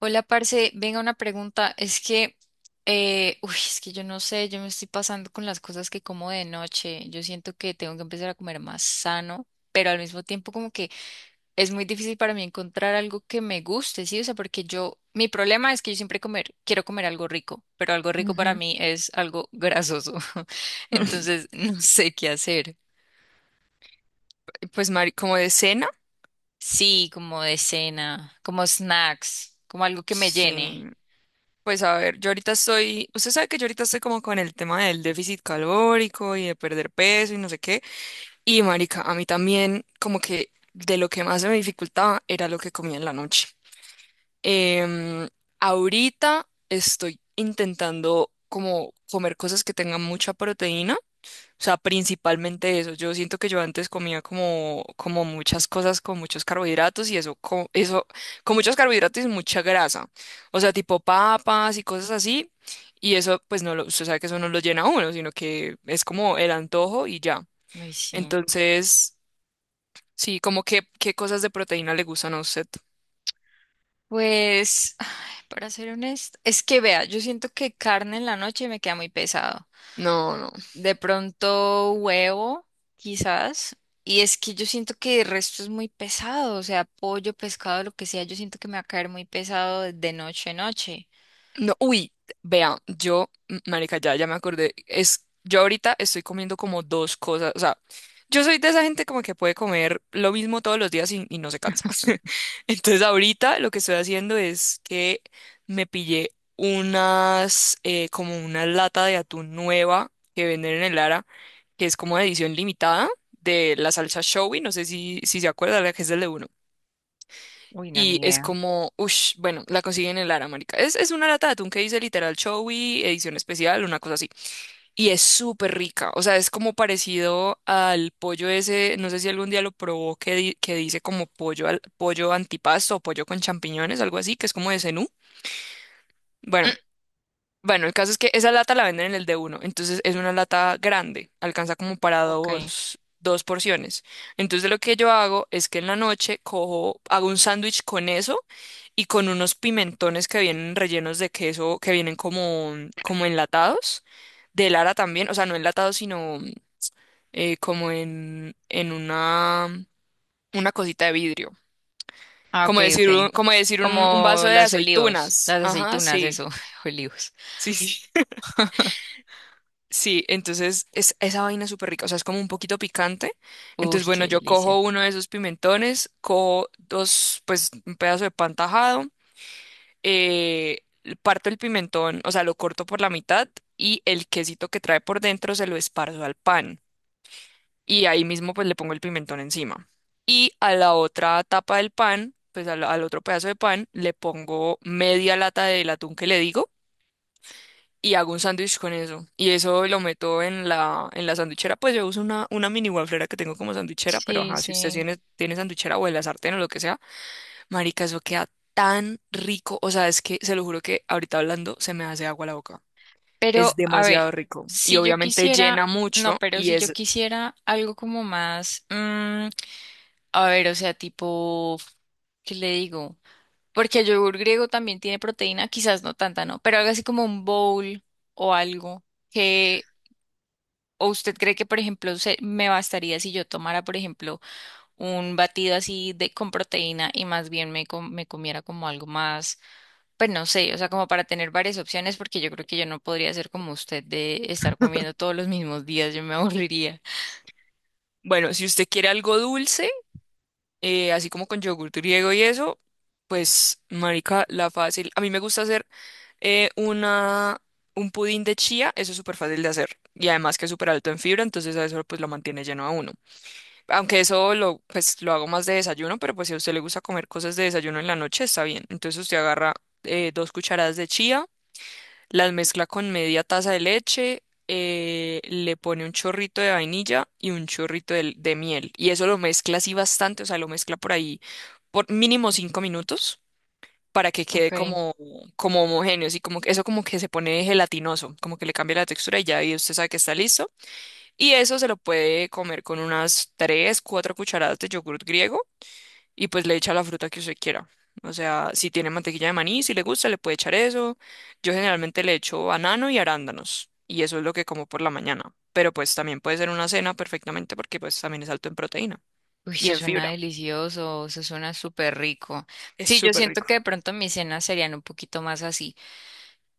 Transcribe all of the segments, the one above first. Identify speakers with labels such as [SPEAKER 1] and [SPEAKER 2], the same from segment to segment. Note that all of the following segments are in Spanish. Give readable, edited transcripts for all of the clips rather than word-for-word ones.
[SPEAKER 1] Hola, parce, venga una pregunta. Es que, es que yo no sé, yo me estoy pasando con las cosas que como de noche. Yo siento que tengo que empezar a comer más sano, pero al mismo tiempo como que es muy difícil para mí encontrar algo que me guste, ¿sí? O sea, porque yo, mi problema es que yo siempre comer, quiero comer algo rico, pero algo rico para mí es algo grasoso. Entonces, no sé qué hacer.
[SPEAKER 2] Pues, Mari, como de cena,
[SPEAKER 1] Sí, como de cena, como snacks, como algo que me llene.
[SPEAKER 2] sí. Pues a ver, usted sabe que yo ahorita estoy como con el tema del déficit calórico y de perder peso y no sé qué. Y marica, a mí también como que de lo que más se me dificultaba era lo que comía en la noche. Em, Ahorita estoy intentando como comer cosas que tengan mucha proteína. O sea, principalmente eso. Yo siento que yo antes comía como muchas cosas con muchos carbohidratos y eso, con muchos carbohidratos y mucha grasa. O sea, tipo papas y cosas así. Y eso, pues no lo, usted sabe que eso no lo llena a uno, sino que es como el antojo y ya.
[SPEAKER 1] Ay, sí.
[SPEAKER 2] Entonces, sí, como que, ¿qué cosas de proteína le gustan a usted?
[SPEAKER 1] Pues. Para ser honesto, es que vea, yo siento que carne en la noche me queda muy pesado.
[SPEAKER 2] No, no.
[SPEAKER 1] De pronto huevo, quizás. Y es que yo siento que el resto es muy pesado, o sea, pollo, pescado, lo que sea, yo siento que me va a caer muy pesado de noche a noche.
[SPEAKER 2] No, uy, vean, marica, ya me acordé. Yo ahorita estoy comiendo como dos cosas. O sea, yo soy de esa gente como que puede comer lo mismo todos los días y no se cansa. Entonces ahorita lo que estoy haciendo es que me pillé como una lata de atún nueva que venden en el Lara, que es como de edición limitada de la salsa showy. No sé si se acuerda, la que es del de
[SPEAKER 1] Uy, no,
[SPEAKER 2] y
[SPEAKER 1] ni
[SPEAKER 2] es
[SPEAKER 1] idea.
[SPEAKER 2] como, uff, bueno, la consiguen en Lara, marica. Es una lata de atún que dice literal Chowi, edición especial, una cosa así. Y es súper rica. O sea, es como parecido al pollo ese, no sé si algún día lo probó, que dice como pollo antipasto o pollo con champiñones, algo así, que es como de Zenú.
[SPEAKER 1] Mm,
[SPEAKER 2] Bueno, bueno, el caso es que esa lata la venden en el de uno, entonces es una lata grande, alcanza como para
[SPEAKER 1] ok.
[SPEAKER 2] dos porciones. Entonces lo que yo hago es que en la noche hago un sándwich con eso y con unos pimentones que vienen rellenos de queso, que vienen como enlatados, de Lara también, o sea, no enlatados, sino como en una cosita de vidrio.
[SPEAKER 1] Ah, ok,
[SPEAKER 2] Como
[SPEAKER 1] ok.
[SPEAKER 2] decir un, como decir un, un
[SPEAKER 1] Como
[SPEAKER 2] vaso de
[SPEAKER 1] las olivos,
[SPEAKER 2] aceitunas.
[SPEAKER 1] las
[SPEAKER 2] Ajá,
[SPEAKER 1] aceitunas,
[SPEAKER 2] sí.
[SPEAKER 1] eso, olivos.
[SPEAKER 2] Sí, sí. Sí, entonces es esa vaina es súper rica, o sea, es como un poquito picante.
[SPEAKER 1] Uy,
[SPEAKER 2] Entonces, bueno,
[SPEAKER 1] qué
[SPEAKER 2] yo
[SPEAKER 1] delicia.
[SPEAKER 2] cojo uno de esos pimentones, cojo dos, pues un pedazo de pan tajado, eh, parto el pimentón, o sea, lo corto por la mitad y el quesito que trae por dentro se lo esparzo al pan. Y ahí mismo pues le pongo el pimentón encima. Y a la otra tapa del pan, pues al otro pedazo de pan, le pongo media lata del atún que le digo y hago un sándwich con eso. Y eso lo meto en la sandwichera. Pues yo uso una mini wafflera que tengo como sandwichera, pero
[SPEAKER 1] Sí,
[SPEAKER 2] ajá, si usted
[SPEAKER 1] sí.
[SPEAKER 2] tiene sandwichera o en la sartén o lo que sea, marica, eso queda tan rico. O sea, es que se lo juro que ahorita hablando se me hace agua la boca. Es
[SPEAKER 1] Pero, a ver,
[SPEAKER 2] demasiado rico. Y
[SPEAKER 1] si yo
[SPEAKER 2] obviamente
[SPEAKER 1] quisiera,
[SPEAKER 2] llena
[SPEAKER 1] no,
[SPEAKER 2] mucho.
[SPEAKER 1] pero si yo quisiera algo como más, a ver, o sea, tipo, ¿qué le digo? Porque el yogur griego también tiene proteína, quizás no tanta, ¿no? Pero algo así como un bowl o algo que, o usted cree que, por ejemplo, se, me bastaría si yo tomara, por ejemplo, un batido así de con proteína y más bien me, me comiera como algo más. Pues no sé, o sea, como para tener varias opciones, porque yo creo que yo no podría ser como usted de estar comiendo todos los mismos días, yo me aburriría.
[SPEAKER 2] Bueno, si usted quiere algo dulce, así como con yogur griego y eso, pues, marica, la fácil. A mí me gusta hacer, eh, una, un pudín de chía. Eso es súper fácil de hacer. Y además que es súper alto en fibra, entonces a eso pues lo mantiene lleno a uno. Aunque eso pues, lo hago más de desayuno, pero pues si a usted le gusta comer cosas de desayuno en la noche, está bien. Entonces usted agarra 2 cucharadas de chía, las mezcla con media taza de leche, le pone un chorrito de vainilla y un chorrito de miel. Y eso lo mezcla así bastante, o sea, lo mezcla por ahí por mínimo 5 minutos para que quede
[SPEAKER 1] Okay.
[SPEAKER 2] como homogéneo, y como que eso como que se pone gelatinoso, como que le cambia la textura y ya y usted sabe que está listo. Y eso se lo puede comer con unas 3 4 cucharadas de yogur griego y pues le echa la fruta que usted quiera. O sea, si tiene mantequilla de maní, si le gusta, le puede echar eso. Yo generalmente le echo banano y arándanos y eso es lo que como por la mañana. Pero pues también puede ser una cena perfectamente porque pues también es alto en proteína
[SPEAKER 1] Uy,
[SPEAKER 2] y
[SPEAKER 1] eso
[SPEAKER 2] en
[SPEAKER 1] suena
[SPEAKER 2] fibra.
[SPEAKER 1] delicioso, eso suena súper rico.
[SPEAKER 2] Es
[SPEAKER 1] Sí, yo
[SPEAKER 2] súper
[SPEAKER 1] siento
[SPEAKER 2] rico.
[SPEAKER 1] que de pronto mis cenas serían un poquito más así.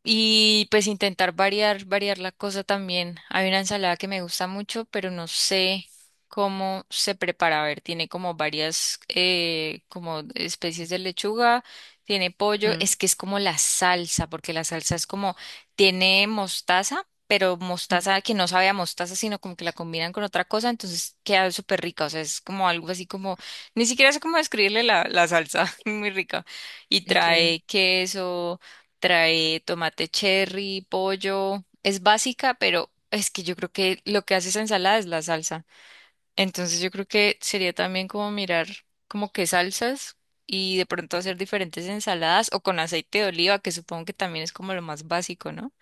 [SPEAKER 1] Y pues intentar variar, variar la cosa también. Hay una ensalada que me gusta mucho, pero no sé cómo se prepara. A ver, tiene como varias como especies de lechuga, tiene pollo.
[SPEAKER 2] Ujú,
[SPEAKER 1] Es que es como la salsa, porque la salsa es como, tiene mostaza, pero
[SPEAKER 2] ujú,
[SPEAKER 1] mostaza que no sabe a mostaza, sino como que la combinan con otra cosa, entonces queda súper rica. O sea, es como algo así como, ni siquiera sé cómo describirle la salsa, muy rica. Y
[SPEAKER 2] ok.
[SPEAKER 1] trae queso. Trae tomate cherry, pollo. Es básica, pero es que yo creo que lo que hace esa ensalada es la salsa. Entonces yo creo que sería también como mirar como qué salsas y de pronto hacer diferentes ensaladas o con aceite de oliva, que supongo que también es como lo más básico, ¿no?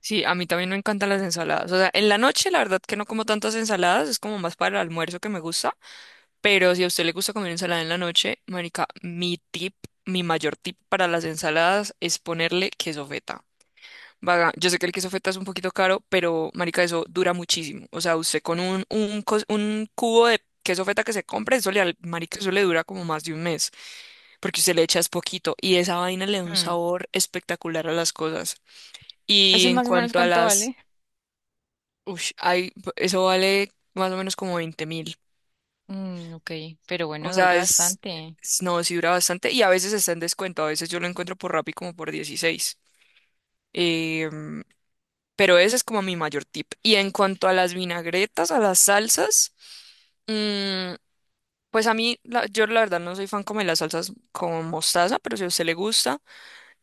[SPEAKER 2] Sí, a mí también me encantan las ensaladas. O sea, en la noche la verdad que no como tantas ensaladas, es como más para el almuerzo que me gusta, pero si a usted le gusta comer ensalada en la noche, marica, mi tip, mi mayor tip para las ensaladas es ponerle queso feta. Vaga, yo sé que el queso feta es un poquito caro, pero marica, eso dura muchísimo. O sea, usted con un cubo de queso feta que se compre, marica, eso le dura como más de un mes, porque usted le echa es poquito y esa vaina le da un
[SPEAKER 1] Mm.
[SPEAKER 2] sabor espectacular a las cosas. Y
[SPEAKER 1] ¿Ese
[SPEAKER 2] en
[SPEAKER 1] más o menos
[SPEAKER 2] cuanto a
[SPEAKER 1] cuánto
[SPEAKER 2] las
[SPEAKER 1] vale?
[SPEAKER 2] Ush, hay, eso vale más o menos como 20.000.
[SPEAKER 1] Mm, ok, pero
[SPEAKER 2] O
[SPEAKER 1] bueno,
[SPEAKER 2] sea,
[SPEAKER 1] dura bastante.
[SPEAKER 2] no, sí dura bastante y a veces está en descuento. A veces yo lo encuentro por Rappi como por 16. Em, pero ese es como mi mayor tip. Y en cuanto a las vinagretas, a las salsas, mm, pues a mí, yo la verdad no soy fan como de las salsas con mostaza, pero si a usted le gusta.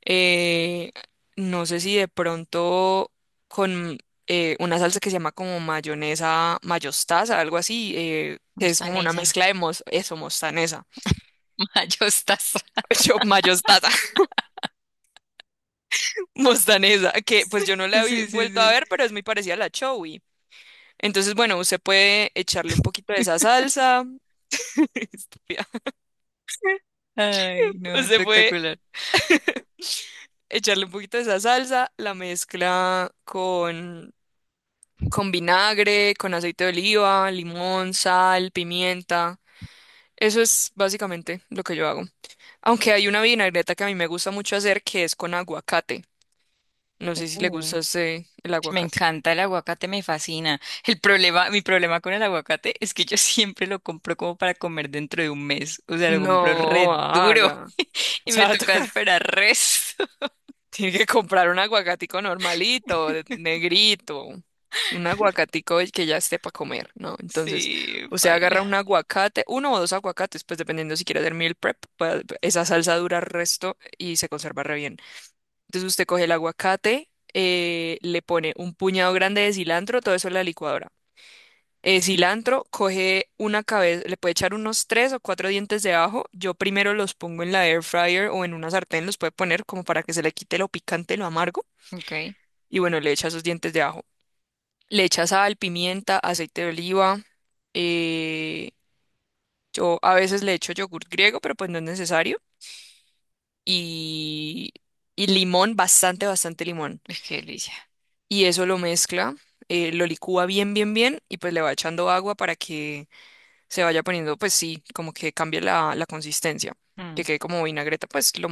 [SPEAKER 2] Eh, no sé si de pronto con una salsa que se llama como mayonesa mayostaza, algo así, que es como una
[SPEAKER 1] Mostanesa.
[SPEAKER 2] mezcla de mostanesa.
[SPEAKER 1] Mayostaza.
[SPEAKER 2] Mayostaza, mostanesa, que pues yo no
[SPEAKER 1] Sí,
[SPEAKER 2] la he
[SPEAKER 1] sí,
[SPEAKER 2] vuelto a
[SPEAKER 1] sí.
[SPEAKER 2] ver, pero es muy parecida a la chowi. Entonces, bueno, usted puede echarle un poquito de esa salsa. Estúpida.
[SPEAKER 1] Ay, no,
[SPEAKER 2] Usted puede
[SPEAKER 1] espectacular.
[SPEAKER 2] echarle un poquito de esa salsa, la mezcla con vinagre, con aceite de oliva, limón, sal, pimienta. Eso es básicamente lo que yo hago. Aunque hay una vinagreta que a mí me gusta mucho hacer que es con aguacate. No sé si le
[SPEAKER 1] Mm.
[SPEAKER 2] gusta ese el
[SPEAKER 1] Me
[SPEAKER 2] aguacate.
[SPEAKER 1] encanta el aguacate, me fascina. El problema, mi problema con el aguacate es que yo siempre lo compro como para comer dentro de un mes. O sea, lo compro re
[SPEAKER 2] No
[SPEAKER 1] duro
[SPEAKER 2] haga. O
[SPEAKER 1] y
[SPEAKER 2] sea,
[SPEAKER 1] me toca esperar resto.
[SPEAKER 2] Tiene que comprar un aguacatico normalito, negrito. Un aguacatico el que ya esté para comer, ¿no? Entonces,
[SPEAKER 1] Sí,
[SPEAKER 2] usted
[SPEAKER 1] baila.
[SPEAKER 2] agarra un aguacate, uno o dos aguacates, pues dependiendo si quiere hacer meal prep, pues, esa salsa dura el resto y se conserva re bien. Entonces usted coge el aguacate, le pone un puñado grande de cilantro, todo eso en la licuadora. Cilantro, coge una cabeza, le puede echar unos tres o cuatro dientes de ajo. Yo primero los pongo en la air fryer o en una sartén, los puede poner como para que se le quite lo picante, lo amargo.
[SPEAKER 1] Ok. Uy,
[SPEAKER 2] Y bueno, le echa esos dientes de ajo. Le echa sal, pimienta, aceite de oliva. eh, yo a veces le echo yogur griego, pero pues no es necesario. Y, y limón, bastante, bastante limón.
[SPEAKER 1] qué delicia.
[SPEAKER 2] Y eso lo mezcla, lo licúa bien, bien, bien y pues le va echando agua para que se vaya poniendo, pues sí, como que cambie la consistencia, que
[SPEAKER 1] Mm.
[SPEAKER 2] quede como vinagreta, pues lo,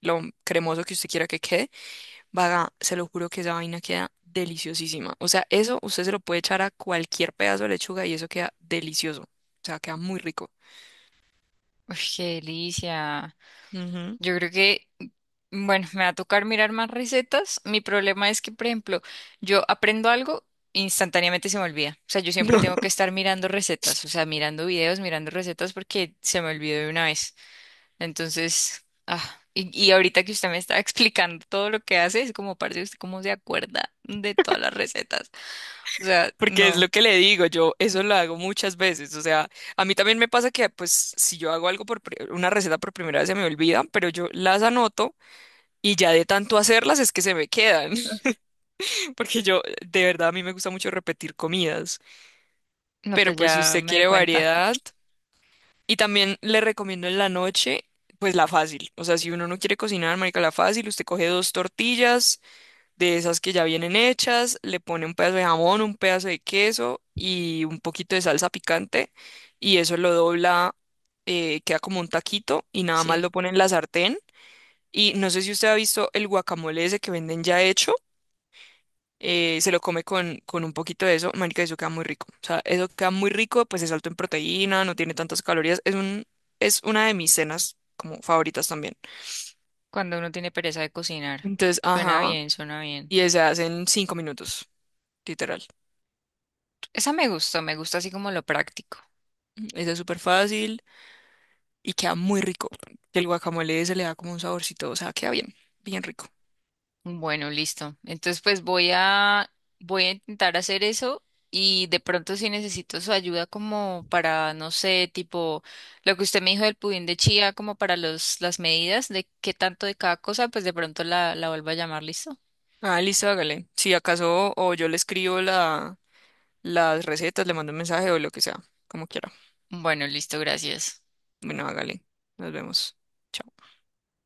[SPEAKER 2] lo cremoso que usted quiera que quede, vaga, se lo juro que esa vaina queda deliciosísima. O sea, eso usted se lo puede echar a cualquier pedazo de lechuga y eso queda delicioso, o sea, queda muy rico.
[SPEAKER 1] Uy, qué delicia.
[SPEAKER 2] Ujú.
[SPEAKER 1] Yo creo que, bueno, me va a tocar mirar más recetas. Mi problema es que, por ejemplo, yo aprendo algo, instantáneamente se me olvida. O sea, yo siempre tengo que estar mirando recetas, o sea, mirando videos, mirando recetas porque se me olvidó de una vez. Entonces, y ahorita que usted me está explicando todo lo que hace, es como, parece usted cómo se acuerda de todas las recetas. O sea,
[SPEAKER 2] Porque es
[SPEAKER 1] no,
[SPEAKER 2] lo que le digo, yo eso lo hago muchas veces, o sea, a mí también me pasa que pues si yo hago algo una receta por primera vez se me olvidan, pero yo las anoto y ya de tanto hacerlas es que se me quedan. Porque yo de verdad a mí me gusta mucho repetir comidas,
[SPEAKER 1] no,
[SPEAKER 2] pero
[SPEAKER 1] pues
[SPEAKER 2] pues si
[SPEAKER 1] ya
[SPEAKER 2] usted
[SPEAKER 1] me di
[SPEAKER 2] quiere
[SPEAKER 1] cuenta.
[SPEAKER 2] variedad y también le recomiendo en la noche pues la fácil, o sea, si uno no quiere cocinar, marica, la fácil, usted coge dos tortillas de esas que ya vienen hechas, le pone un pedazo de jamón, un pedazo de queso y un poquito de salsa picante y eso lo dobla, queda como un taquito y nada más lo
[SPEAKER 1] Sí,
[SPEAKER 2] pone en la sartén. Y no sé si usted ha visto el guacamole ese que venden ya hecho, se lo come con un poquito de eso, marica, eso queda muy rico. O sea, eso queda muy rico, pues es alto en proteína, no tiene tantas calorías, es una de mis cenas como favoritas también.
[SPEAKER 1] cuando uno tiene pereza de cocinar.
[SPEAKER 2] Entonces,
[SPEAKER 1] Suena
[SPEAKER 2] ajá,
[SPEAKER 1] bien, suena bien.
[SPEAKER 2] y se hace en 5 minutos, literal.
[SPEAKER 1] Esa me gustó, me gusta así como lo práctico.
[SPEAKER 2] Ujú, ese es súper fácil. Y queda muy rico. El guacamole se le da como un saborcito, o sea, queda bien, bien rico.
[SPEAKER 1] Bueno, listo. Entonces, pues voy a intentar hacer eso y de pronto si necesito su ayuda como para, no sé, tipo lo que usted me dijo del pudín de chía, como para los las medidas de qué tanto de cada cosa, pues de pronto la vuelvo a llamar, ¿listo?
[SPEAKER 2] Ah, listo, hágale. Si acaso o yo le escribo las recetas, le mando un mensaje o lo que sea, como quiera.
[SPEAKER 1] Bueno, listo, gracias.
[SPEAKER 2] Bueno, hágale. Nos vemos. Chao.